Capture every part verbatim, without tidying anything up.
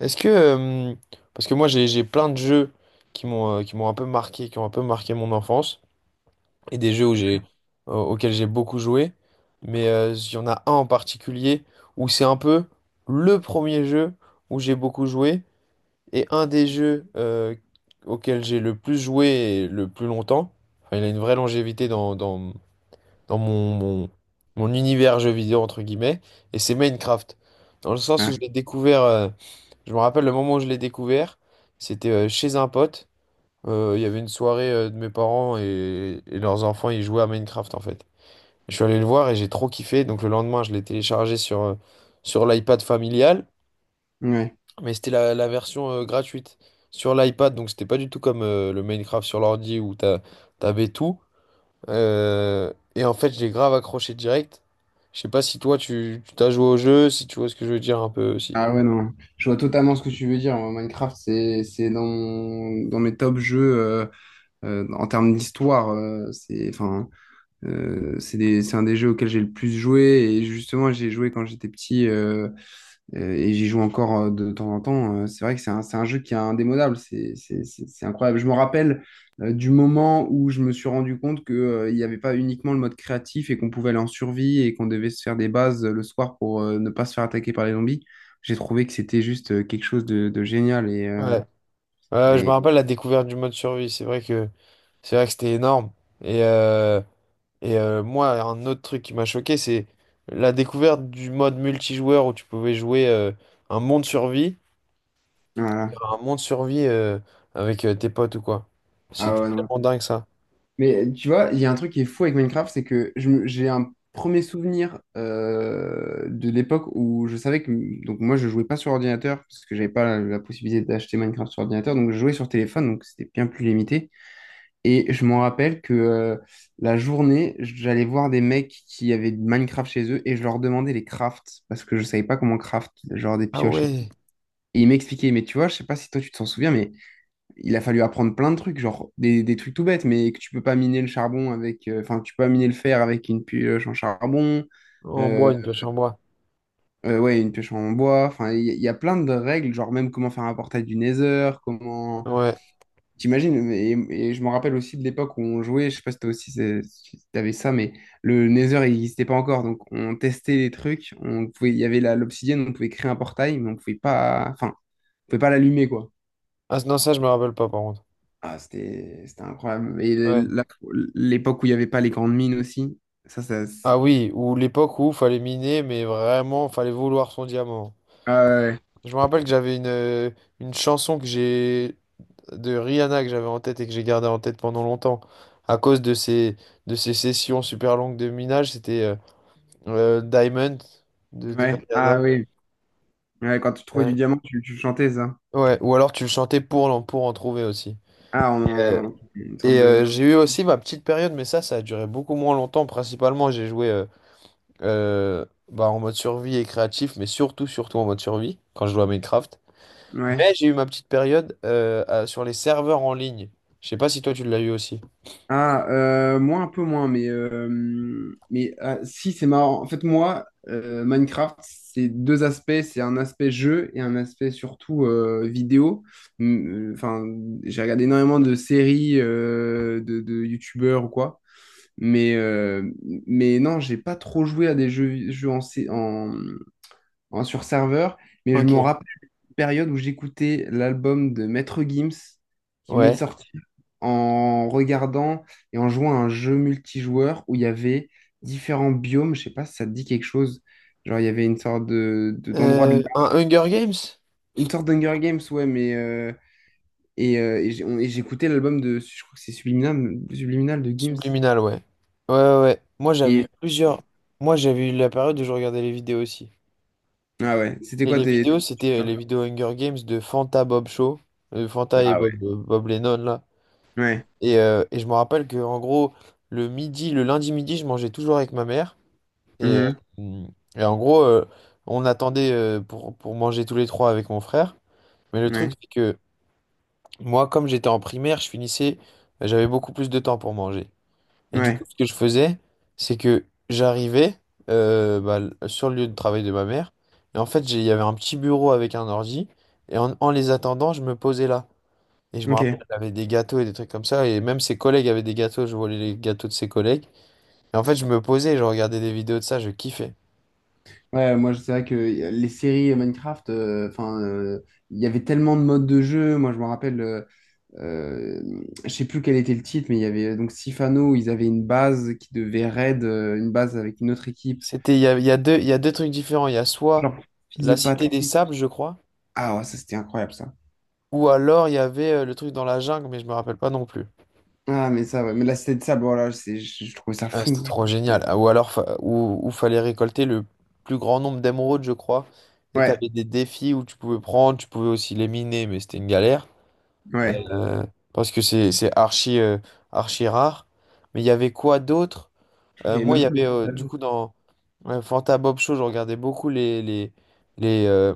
Est-ce que euh, parce que moi j'ai j'ai plein de jeux qui m'ont euh, qui m'ont un peu marqué, qui ont un peu marqué mon enfance et des jeux où j'ai euh, auxquels j'ai beaucoup joué, mais euh, il y en a un en particulier où c'est un peu le premier jeu où j'ai beaucoup joué et un des jeux euh, auxquels j'ai le plus joué et le plus longtemps. Enfin, il a une vraie longévité dans dans dans mon mon mon univers jeu vidéo entre guillemets, et c'est Minecraft. Dans le sens où Ouais. j'ai découvert euh, je me rappelle le moment où je l'ai découvert, c'était euh, chez un pote. Euh, Il y avait une soirée euh, de mes parents, et, et leurs enfants, ils jouaient à Minecraft en fait. Je suis allé le voir et j'ai trop kiffé. Donc le lendemain, je l'ai téléchargé sur, euh, sur l'iPad familial, Ouais. mais c'était la, la version euh, gratuite sur l'iPad. Donc c'était pas du tout comme euh, le Minecraft sur l'ordi où t'as, t'avais tout. Euh, et en fait, j'ai grave accroché direct. Je sais pas si toi, tu tu t'as joué au jeu, si tu vois ce que je veux dire un peu aussi. Ah ouais, non. Je vois totalement ce que tu veux dire. Moi, Minecraft, c'est, c'est dans, mon- dans mes top jeux euh, euh, en termes d'histoire. Euh, c'est, enfin, euh, c'est des- c'est un des jeux auxquels j'ai le plus joué. Et justement, j'ai joué quand j'étais petit. Euh, Euh, et j'y joue encore euh, de temps en temps. Euh, c'est vrai que c'est un, c'est un jeu qui est indémodable. C'est c'est- c'est- c'est incroyable. Je me rappelle euh, du moment où je me suis rendu compte que, euh, il n'y avait pas uniquement le mode créatif et qu'on pouvait aller en survie et qu'on devait se faire des bases euh, le soir pour euh, ne pas se faire attaquer par les zombies. J'ai trouvé que c'était juste euh, quelque chose de, de génial. Et, euh, Ouais. Ouais, je me et rappelle la découverte du mode survie. C'est vrai que. C'est vrai que c'était énorme. Et, euh, et euh, moi, un autre truc qui m'a choqué, c'est la découverte du mode multijoueur où tu pouvais jouer euh, un monde survie, voilà. un monde survie euh, avec euh, tes potes ou quoi. Ah C'était ouais, non, tellement dingue, ça. mais tu vois, il y a un truc qui est fou avec Minecraft, c'est que je me- j'ai un premier souvenir euh, de l'époque où je savais que... Donc moi, je jouais pas sur ordinateur, parce que j'avais pas la, la possibilité d'acheter Minecraft sur ordinateur, donc je jouais sur téléphone, donc c'était bien plus limité. Et je m'en rappelle que euh, la journée, j'allais voir des mecs qui avaient de Minecraft chez eux, et je leur demandais les crafts, parce que je savais pas comment craft, genre des Ah pioches et tout. ouais, Et ils m'expliquaient, mais tu vois, je sais pas si toi tu t'en souviens, mais il a fallu apprendre plein de trucs, genre des, des trucs tout bêtes, mais que tu peux pas miner le charbon avec, euh, enfin, tu peux pas miner le fer avec une pioche en charbon, en bois, euh, une pioche en bois. euh, ouais, une pioche en bois, enfin, il y, a il y a plein de règles, genre même comment faire un portail du Nether, comment. Ouais. T'imagines, et, et je me rappelle aussi de l'époque où on jouait, je sais pas si toi aussi c'est- si t'avais ça, mais le Nether il n'existait pas encore, donc on testait les trucs, on pouvait, il y avait la- l'obsidienne, on pouvait créer un portail, mais on pouvait pas, enfin, on pouvait pas l'allumer, quoi. Ah non, ça, je me rappelle pas par contre. Ah, c'était c'était incroyable. Et Ouais. la- l'époque où il n'y avait pas les grandes mines aussi, ça, ça. Ah c'est- oui, ou l'époque où fallait miner, mais vraiment, fallait vouloir son diamant. Ah ouais, Je me rappelle que j'avais une, euh, une chanson que j'ai de Rihanna que j'avais en tête et que j'ai gardé en tête pendant longtemps à cause de ces, de ces sessions super longues de minage, c'était euh, euh, Diamond de, de ouais. Rihanna. Ah oui. Ouais, quand tu trouvais du Ouais. diamant, tu, tu chantais ça. Ouais, ou alors tu le chantais pour, l'en- pour en trouver aussi. Ah, Euh, on... une sorte et de. euh, j'ai eu aussi ma petite période, mais ça, ça a duré beaucoup moins longtemps. Principalement, j'ai joué euh, euh, bah, en mode survie et créatif, mais surtout, surtout en mode survie quand je jouais à Minecraft. Ouais. Mais j'ai eu ma petite période euh, à- sur les serveurs en ligne. Je sais pas si toi tu l'as eu aussi. Ah, euh, moi un peu moins, mais, euh, mais ah, si, c'est marrant. En fait, moi, euh, Minecraft, c'est deux aspects. C'est un aspect jeu et un aspect surtout euh, vidéo. Mm, euh, Enfin, j'ai regardé énormément de séries euh, de, de youtubeurs ou quoi. Mais, euh, mais non, j'ai pas trop joué à des jeux, jeux en, sé- en, en- sur serveur, mais je Ok. me rappelle une période où j'écoutais l'album de Maître Gims qui venait de Ouais. sortir en regardant et en jouant à un jeu multijoueur où il y avait différents biomes, je sais pas si ça te dit quelque chose. Genre, il y avait une sorte de, de- d'endroit de, Euh, un Hunger Games? une sorte d'Hunger Games, ouais, mais euh, et, euh, et j'ai- on- et j'écoutais l'album de, je crois que c'est Subliminal, Subliminal de Gims. Subliminal, ouais. Ouais, ouais, ouais. Moi, j'avais eu Et, plusieurs. Moi, j'avais eu la période où je regardais les vidéos aussi. ah ouais, c'était Et quoi les tes. tes- vidéos, c'était euh, les vidéos Hunger Games de Fanta Bob Show. euh, Fanta et Ah ouais. Bob, euh, Bob Lennon, là. Ouais. Et, euh, et je me rappelle que, en gros, le midi, le lundi midi, je mangeais toujours avec ma mère. Et, Mhm. euh, et en gros, euh, on attendait euh, pour, pour manger tous les trois avec mon frère. Mais le truc, Ouais. c'est que moi, comme j'étais en primaire, je finissais. J'avais beaucoup plus de temps pour manger. Et du coup, Ouais. ce que je faisais, c'est que j'arrivais euh, bah, l- sur le lieu de travail de ma mère. Et en fait, j'ai- il y avait un petit bureau avec un ordi. Et en, en les attendant, je me posais là. Et je me Ok. rappelle, elle avait des gâteaux et des trucs comme ça. Et même ses collègues avaient des gâteaux. Je volais les gâteaux de ses collègues. Et en fait, je me posais et je regardais des vidéos de ça. Je kiffais. Ouais, moi, c'est vrai que les séries Minecraft, euh, enfin, euh, il y avait tellement de modes de jeu. Moi, je me rappelle, euh, euh, je sais plus quel était le titre, mais il y avait euh, donc Sifano, où ils avaient une base qui devait raid, euh, une base avec une autre équipe. C'était, il y a, il y a deux, il y a deux trucs différents. Il y a soit Genre, fils la de Cité des Patrick. Sables, je crois. Ah, ouais, ça, c'était incroyable, ça. Ou alors, il y avait euh, le truc dans la jungle, mais je me rappelle pas non plus. Ah, mais ça, ouais. Mais là, c'était de ça. Bon, là, c'est, je, je trouvais ça Ah, fou. c'était trop Je- je- génial. Ah, ou alors, fa- ou, ou fallait récolter le plus grand nombre d'émeraudes, je crois. Et Ouais, t'avais des défis où tu pouvais prendre, tu pouvais aussi les miner, mais c'était une galère. ouais. Euh, parce que c'est c'est archi, euh, archi rare. Mais il y avait quoi d'autre? Je crois qu'il y Euh, avait moi, il même y pas avait des... euh, du coup dans ouais, Fanta Bob Show, je regardais beaucoup les, les, les, euh,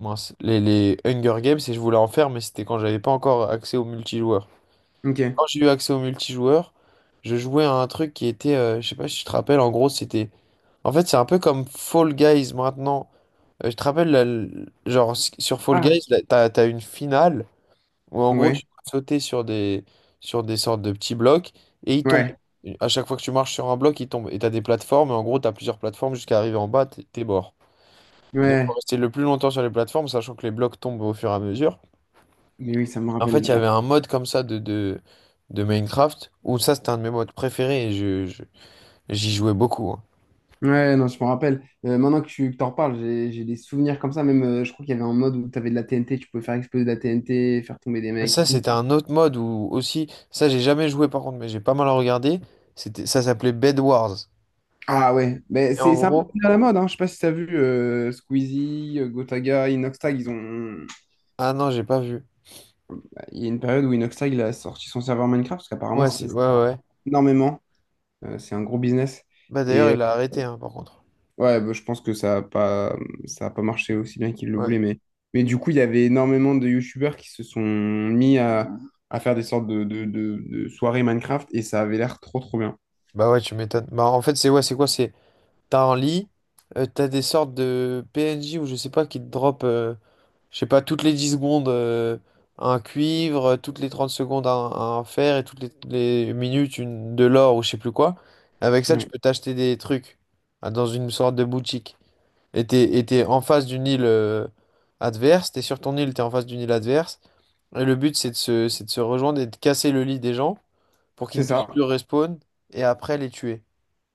mince, les, les Hunger Games, et je voulais en faire, mais c'était quand j'avais pas encore accès au multijoueur. Ok. Quand j'ai eu accès au multijoueur, je jouais à un truc qui était, euh, je sais pas si tu te rappelles, en gros, c'était. En fait, c'est un peu comme Fall Guys maintenant. Euh, je te rappelle, la- l- genre, s- sur Fall Ah, Guys, là, t'as, t'as une finale où en gros, ouais, tu peux sauter sur des, sur des sortes de petits blocs, et ils tombent. ouais, Et à chaque fois que tu marches sur un bloc, ils tombent. Et t'as des plateformes, et en gros, t'as plusieurs plateformes jusqu'à arriver en bas, t'es t'es mort. Et donc, faut ouais. rester le plus longtemps sur les plateformes, sachant que les blocs tombent au fur et à mesure. Mais oui, ça me En fait, il y rappelle. avait un mode comme ça de, de, de Minecraft où ça, c'était un de mes modes préférés, et je, je- j'y jouais beaucoup, hein. Ouais, non, je me rappelle. Euh, maintenant que tu que t'en reparles, j'ai j'ai des souvenirs comme ça. Même, euh, je crois qu'il y avait un mode où tu avais de la T N T, tu pouvais faire exploser de la T N T, faire tomber des mecs et Ça, tout. c'était un autre mode où aussi, ça, j'ai jamais joué par contre, mais j'ai pas mal regardé. C'était, ça s'appelait Bed Wars. Ah ouais, mais Et c'est en c'est un peu gros, à la mode, hein. Je sais pas si t'as vu euh, Squeezie, euh, Gotaga, Inoxtag, ils ont... ah non, j'ai pas vu. Bah, il y a une période où Inoxtag il a sorti son serveur Minecraft, parce qu'apparemment, Ouais, ça c'est, ouais, ça ouais, ouais. rapporte énormément. Euh, c'est un gros business. Bah d'ailleurs, Et il a arrêté, hein, par contre. ouais, bah, je pense que ça a pas, ça a pas marché aussi bien qu'ils le Ouais. voulaient, mais, mais du coup, il y avait énormément de youtubeurs qui se sont mis à, à faire des sortes de, de, de- de soirées Minecraft et ça avait l'air trop trop bien. Bah ouais, tu m'étonnes. Bah en fait, c'est ouais, c'est quoi? C'est, t'as un lit, euh, t'as des sortes de P N J ou je sais pas qui te drop. euh, Je sais pas, toutes les dix secondes, euh, un cuivre, toutes les trente secondes, un, un fer, et toutes les, les minutes, une, de l'or ou je sais plus quoi. Avec ça, tu Ouais. peux t'acheter des trucs, ah, dans une sorte de boutique. Et t'es, et t'es en face d'une île euh, adverse, t'es sur ton île, t'es en face d'une île adverse. Et le but, c'est de se, c'est de se rejoindre et de casser le lit des gens pour qu'ils C'est ne puissent ça. plus respawn et après les tuer.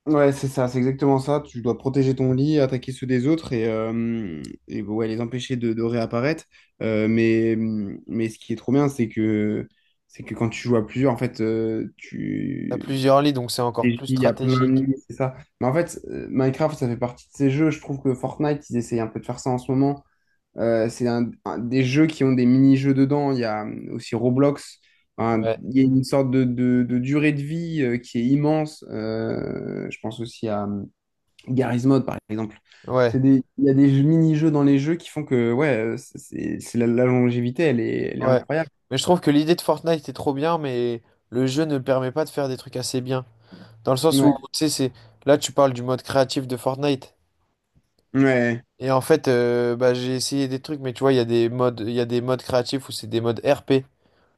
Ouais, c'est ça, c'est exactement ça. Tu dois protéger ton lit, attaquer ceux des autres et, euh, et ouais, les empêcher de, de réapparaître. Euh, mais, mais ce qui est trop bien, c'est que, c'est que quand tu joues à plusieurs, en fait, euh, T'as tu, plusieurs lits, donc c'est encore stratégie, plus il y a plein de stratégique. nuits, c'est ça. Mais en fait, euh, Minecraft, ça fait partie de ces jeux. Je trouve que Fortnite, ils essayent un peu de faire ça en ce moment. Euh, c'est un, un- des jeux qui ont des mini-jeux dedans. Il y a euh, aussi Roblox. Enfin, Ouais. il y a une sorte de, de- de durée de vie euh, qui est immense. Euh, je pense aussi à euh, Garry's Mod, par exemple. C'est Ouais. des, il y a des jeux- mini-jeux dans les jeux qui font que ouais, euh, c'est, c'est- la, la longévité, elle est, elle est Ouais. incroyable. Mais je trouve que l'idée de Fortnite est trop bien, mais le jeu ne permet pas de faire des trucs assez bien. Dans le sens où, Ouais, tu sais, c'est... Là, tu parles du mode créatif de Fortnite. ouais, Et en fait, euh, bah, j'ai essayé des trucs, mais tu vois, il y a des modes, il y a des modes créatifs où c'est des modes R P.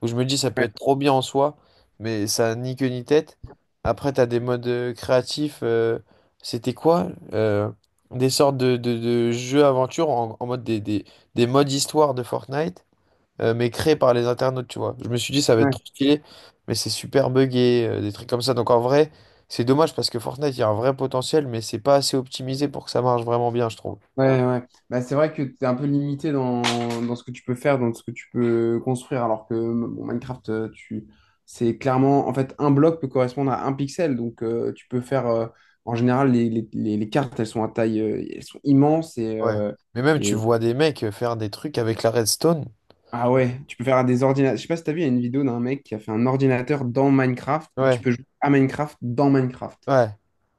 Où je me dis, ça peut ouais. être trop bien en soi, mais ça a ni queue ni tête. Après, t'as des modes euh, créatifs... euh, c'était quoi? Euh, des sortes de, de, de jeux aventure en, en, mode des, des, des modes histoire de Fortnite euh, mais créé par les internautes, tu vois. Je me suis dit, ça va être Ouais. trop stylé, mais c'est super buggé, euh, des trucs comme ça. Donc en vrai, c'est dommage parce que Fortnite, il y a un vrai potentiel, mais c'est pas assez optimisé pour que ça marche vraiment bien, je trouve. Ouais, ouais. Bah, c'est vrai que tu es un peu limité dans, dans ce que tu peux faire, dans ce que tu peux construire, alors que bon, Minecraft, euh, tu, c'est clairement, en fait, un bloc peut correspondre à un pixel, donc euh, tu peux faire, euh, en général, les, les, les- les cartes, elles sont à taille, euh, elles sont immenses et, Ouais. euh, Mais même, tu et, vois des mecs euh, faire des trucs avec la redstone. ah ouais, tu peux faire des ordinateurs, je sais pas si t'as vu, il y a une vidéo d'un mec qui a fait un ordinateur dans Minecraft, et tu Ouais, peux jouer à Minecraft dans Minecraft. ouais,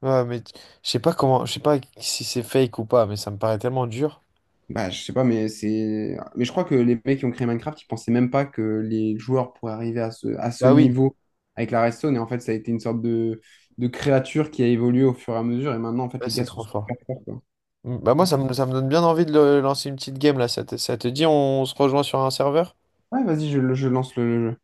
ouais, mais t- je sais pas comment, je sais pas si c'est fake ou pas, mais ça me paraît tellement dur. Bah, je sais pas, mais c'est. Mais je crois que les mecs qui ont créé Minecraft, ils pensaient même pas que les joueurs pourraient arriver à ce, à ce Bah oui, niveau avec la redstone. Et en fait, ça a été une sorte de, de créature qui a évolué au fur et à mesure. Et maintenant, en fait, ouais, les c'est gars sont trop fort. super forts, quoi. Mm, Bah moi, ça Ok. me, ça me donne bien envie de le- lancer une petite game là. Ça te, ça te dit, on se rejoint sur un serveur? Ouais, vas-y, je, je lance le le jeu.